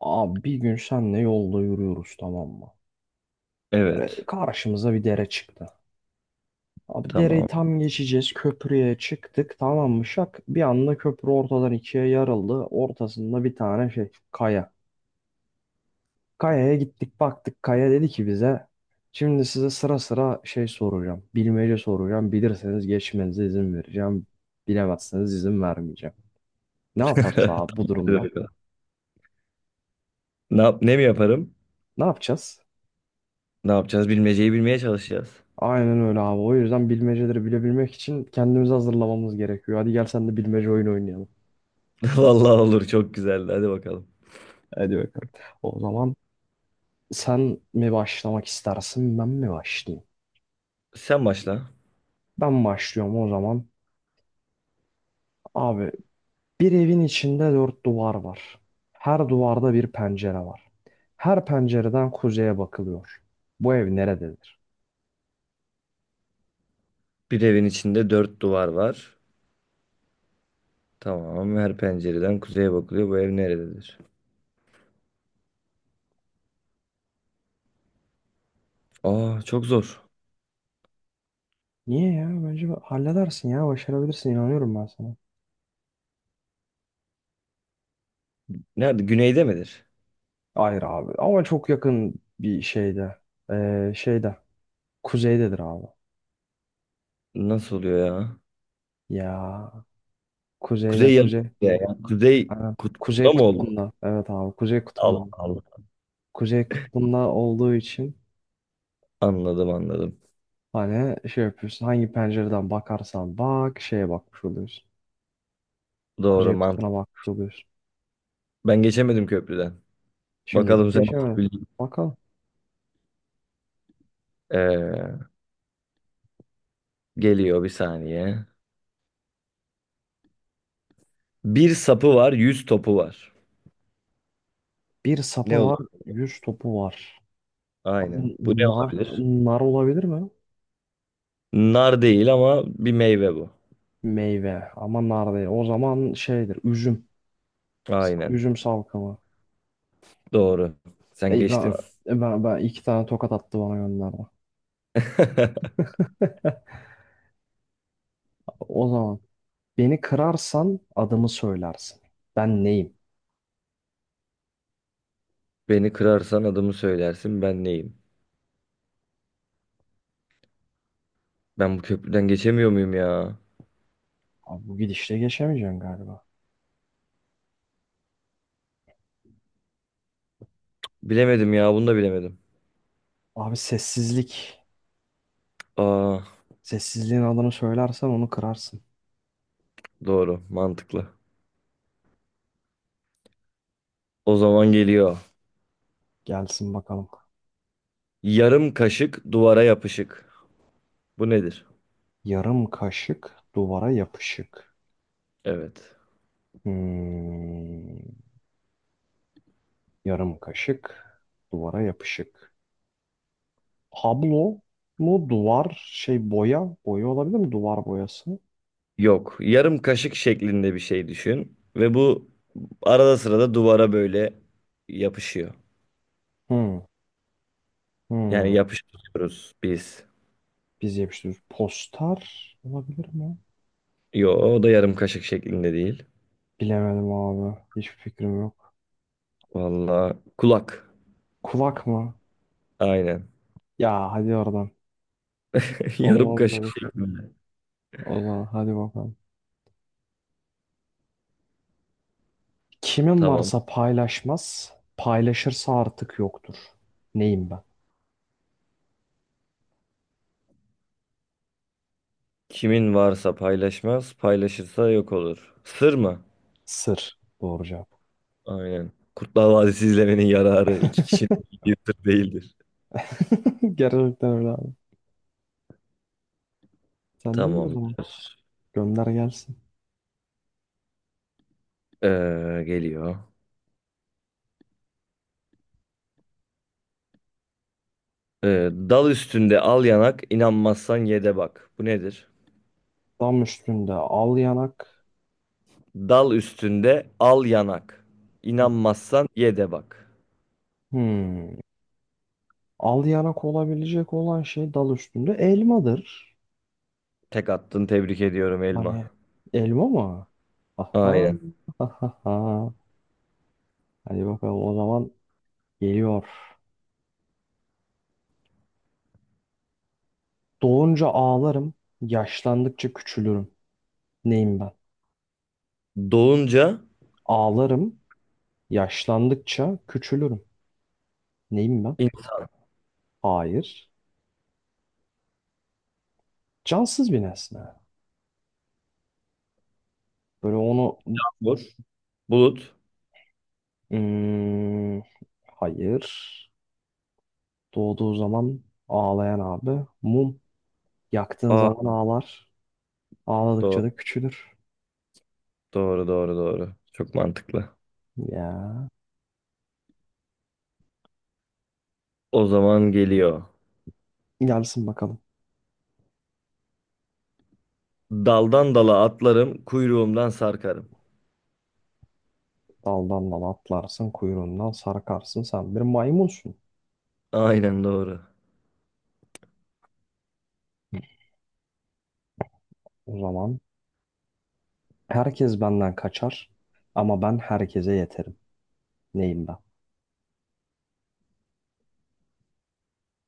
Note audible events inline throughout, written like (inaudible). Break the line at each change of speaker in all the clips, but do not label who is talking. Abi bir gün senle yolda yürüyoruz, tamam mı? Böyle
Evet.
karşımıza bir dere çıktı. Abi dereyi
Tamam.
tam geçeceğiz. Köprüye çıktık, tamam mı, şak? Bir anda köprü ortadan ikiye yarıldı. Ortasında bir tane şey, kaya. Kayaya gittik, baktık. Kaya dedi ki bize, şimdi size sıra sıra şey soracağım. Bilmece soracağım. Bilirseniz geçmenize izin vereceğim. Bilemezseniz izin vermeyeceğim. Ne yaparız
(laughs)
abi bu
Tamam, hadi
durumda?
bakalım. Ne yap ne mi yaparım?
Ne yapacağız?
Ne yapacağız? Bilmeceyi bilmeye çalışacağız.
Aynen öyle abi. O yüzden bilmeceleri bilebilmek için kendimizi hazırlamamız gerekiyor. Hadi gel sen de bilmece oyunu oynayalım.
(laughs) Vallahi olur, çok güzeldi. Hadi bakalım.
Hadi bakalım. O zaman sen mi başlamak istersin, ben mi başlayayım?
Sen başla.
Ben başlıyorum o zaman. Abi, bir evin içinde dört duvar var. Her duvarda bir pencere var. Her pencereden kuzeye bakılıyor. Bu ev nerededir?
Bir evin içinde dört duvar var. Tamam. Her pencereden kuzeye bakılıyor. Bu ev nerededir? Aa, çok zor.
Niye ya? Bence halledersin ya. Başarabilirsin. İnanıyorum ben sana.
Nerede? Güneyde midir?
Hayır abi. Ama çok yakın bir şeyde. Şeyde. Kuzeydedir abi.
Nasıl oluyor ya?
Ya, kuzeyde
Kuzey yarım
kuzey.
ya. Ya. Kuzey
Aynen.
kutbunda
Kuzey
mı olur?
kutbunda. Evet abi, kuzey
Allah
kutbunda.
Allah.
Kuzey kutbunda olduğu için
Anladım, anladım.
hani şey yapıyorsun. Hangi pencereden bakarsan bak şeye bakmış oluyorsun.
Doğru
Kuzey
mantık.
kutbuna bakmış oluyorsun.
Ben geçemedim köprüden.
Şimdilik
Bakalım sen.
geçemedim.
Bildin.
Bakalım.
Ee, Geliyor bir saniye. Bir sapı var, yüz topu var.
Bir
Ne
sapı var.
olur?
Yüz topu var.
Aynen.
Abi
Bu ne olabilir?
nar olabilir mi?
Nar değil ama bir meyve bu.
Meyve ama nar değil. O zaman şeydir, üzüm.
Aynen.
Üzüm salkımı.
Doğru. Sen
Ey ben,
geçtin.
ben, ben iki tane tokat attı bana gönderdi. (laughs)
(laughs)
O zaman. Beni kırarsan adımı söylersin. Ben neyim?
Beni kırarsan adımı söylersin, ben neyim? Ben bu köprüden geçemiyor muyum ya?
Abi bu gidişle geçemeyeceğim galiba.
Bilemedim ya, bunu da bilemedim.
Abi, sessizlik.
Aa,
Sessizliğin adını söylersen onu kırarsın.
doğru, mantıklı. O zaman geliyor.
Gelsin bakalım.
Yarım kaşık duvara yapışık. Bu nedir?
Yarım kaşık duvara yapışık.
Evet.
Hmm, yarım kaşık duvara yapışık. Tablo mu, duvar şey, boya? Boya olabilir mi? Duvar boyası.
Yok. Yarım kaşık şeklinde bir şey düşün. Ve bu arada sırada duvara böyle yapışıyor.
Hmm,
Yani
hmm.
yapıştırıyoruz biz.
Biz yapıştırıyoruz. Poster olabilir mi?
Yo, o da yarım kaşık şeklinde değil.
Bilemedim abi. Hiçbir fikrim yok.
Vallahi kulak.
Kulak mı?
Aynen.
Ya hadi oradan.
(laughs) Yarım
Olmaz
kaşık
böyle şey.
şeklinde.
O zaman hadi bakalım. Kimin
Tamam.
varsa paylaşmaz, paylaşırsa artık yoktur. Neyim ben?
Kimin varsa paylaşmaz, paylaşırsa yok olur. Sır mı?
Sır. Doğru cevap.
Aynen. Kurtlar Vadisi izlemenin yararı, iki kişinin
(laughs)
bildiği sır değildir.
Gerçekten öyle abi. Sen değil mi o
Tamam.
zaman? Gönder gelsin.
Ee, Geliyor. Dal üstünde al yanak, inanmazsan ye de bak. Bu nedir?
Dam üstünde al yanak.
Dal üstünde al yanak. İnanmazsan ye de bak.
Hmm. Al yanak olabilecek olan şey dal üstünde, elmadır.
Tek attın, tebrik ediyorum Elma.
Hani, elma mı? Aha.
Aynen.
(laughs) Aha. Hadi bakalım o zaman, geliyor. Doğunca ağlarım, yaşlandıkça küçülürüm. Neyim ben?
Doğunca
Ağlarım, yaşlandıkça küçülürüm. Neyim ben?
insan
Hayır. Cansız bir nesne. Böyle onu...
olur. Bulut.
Hmm, hayır. Doğduğu zaman ağlayan abi. Mum. Yaktığın
Aa,
zaman ağlar. Ağladıkça
doğru,
da küçülür.
doğru, doğru, doğru. Çok mantıklı.
Ya.
O zaman geliyor.
Gelsin bakalım.
Daldan dala atlarım, kuyruğumdan sarkarım.
Daldan dala atlarsın, kuyruğundan sarkarsın. Sen bir maymunsun.
Aynen doğru.
O zaman herkes benden kaçar ama ben herkese yeterim. Neyim ben?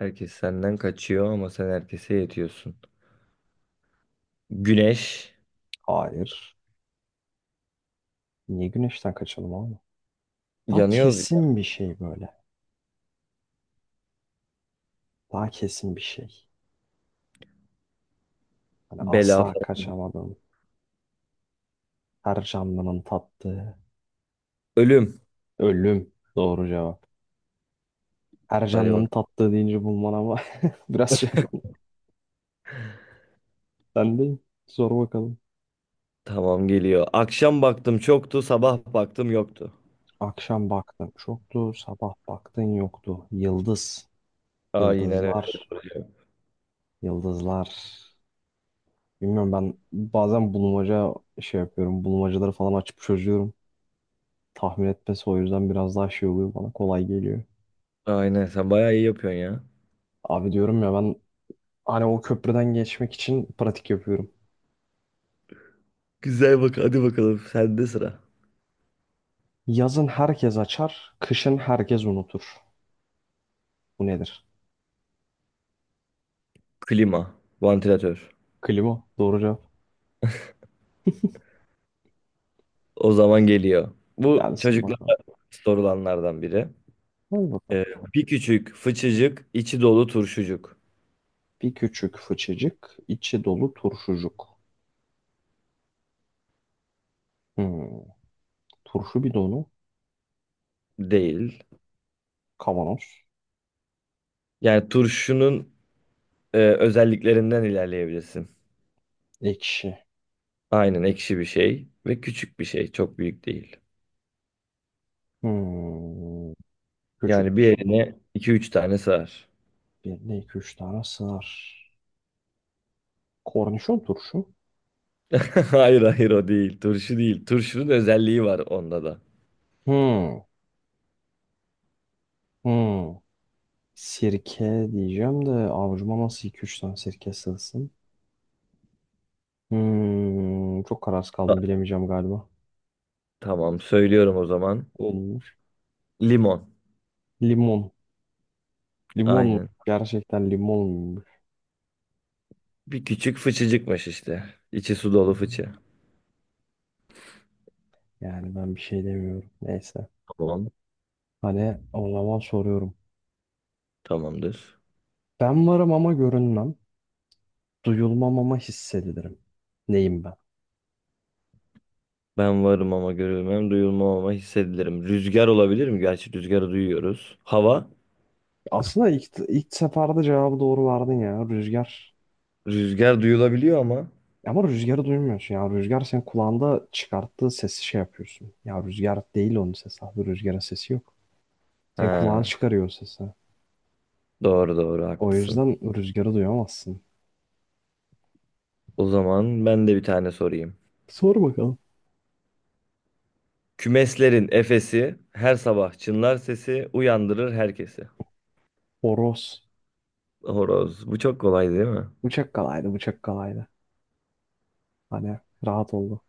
Herkes senden kaçıyor ama sen herkese yetiyorsun. Güneş.
Hayır. Niye güneşten kaçalım oğlum? Daha
Yanıyoruz ya.
kesin bir şey böyle. Daha kesin bir şey. Hani
Bela.
asla
Falan.
kaçamadım. Her canlının tattığı.
Ölüm.
Ölüm. Doğru cevap. Her
Hadi
canlının
bak.
tattığı deyince bulman ama (laughs) biraz şey. Ben değil. Sor bakalım.
Tamam, geliyor. Akşam baktım çoktu, sabah baktım yoktu.
Akşam baktın çoktu. Sabah baktın yoktu. Yıldız.
Aynen öyle.
Yıldızlar. Yıldızlar. Bilmiyorum, ben bazen bulmaca şey yapıyorum. Bulmacaları falan açıp çözüyorum. Tahmin etmesi o yüzden biraz daha şey oluyor, bana kolay geliyor.
Aynen, sen bayağı iyi yapıyorsun ya.
Abi, diyorum ya ben hani o köprüden geçmek için pratik yapıyorum.
Güzel, bak hadi bakalım sende sıra.
Yazın herkes açar, kışın herkes unutur. Bu nedir?
Klima, vantilatör.
Klima. Doğru cevap.
O zaman geliyor. Bu
Gelsin
çocuklar
bakalım.
sorulanlardan biri.
Hadi bakalım.
Ee, Bir küçük, fıçıcık, içi dolu turşucuk.
Bir küçük fıçıcık, içi dolu turşucuk. Hmm. Turşu bidonu,
Değil.
kavanoz,
Yani turşunun özelliklerinden ilerleyebilirsin.
ekşi.
Aynen, ekşi bir şey ve küçük bir şey. Çok büyük değil.
Hmm. Küçük
Yani
bir
bir
şey.
eline iki üç tane sığar.
Bir, iki, üç tane sığar. Kornişon turşu.
(laughs) Hayır hayır, o değil. Turşu değil. Turşunun özelliği var onda da.
Hmm. Hmm. Sirke diyeceğim de avucuma nasıl iki üç tane sirke sığsın? Hmm. Çok kararsız kaldım,
Ta-
bilemeyeceğim galiba.
tamam, söylüyorum o zaman.
Olmuş.
Limon.
Limon. Limon mu?
Aynen.
Gerçekten limon muymuş?
Bir küçük fıçıcıkmış işte. İçi su dolu fıçı.
Yani ben bir şey demiyorum. Neyse.
Tamam.
Hani o zaman soruyorum.
Tamamdır.
Ben varım ama görünmem. Duyulmam ama hissedilirim. Neyim ben?
Ben varım ama görülmem, duyulmam ama hissedilirim. Rüzgar olabilir mi? Gerçi rüzgarı duyuyoruz. Hava,
Aslında ilk seferde cevabı doğru verdin ya. Rüzgar.
rüzgar duyulabiliyor ama.
Ama rüzgarı duymuyorsun ya. Rüzgar senin kulağında çıkarttığı sesi şey yapıyorsun. Ya rüzgar değil, onun sesi abi. Rüzgarın sesi yok. Senin kulağın
Ha,
çıkarıyor o sesi.
doğru doğru,
O
haklısın.
yüzden rüzgarı duyamazsın.
O zaman ben de bir tane sorayım.
Sor bakalım.
Kümeslerin efesi, her sabah çınlar sesi, uyandırır herkesi.
Horoz.
Horoz. Bu çok kolay değil mi?
Bıçak kalaydı, bıçak kalaydı. Hani rahat oldu.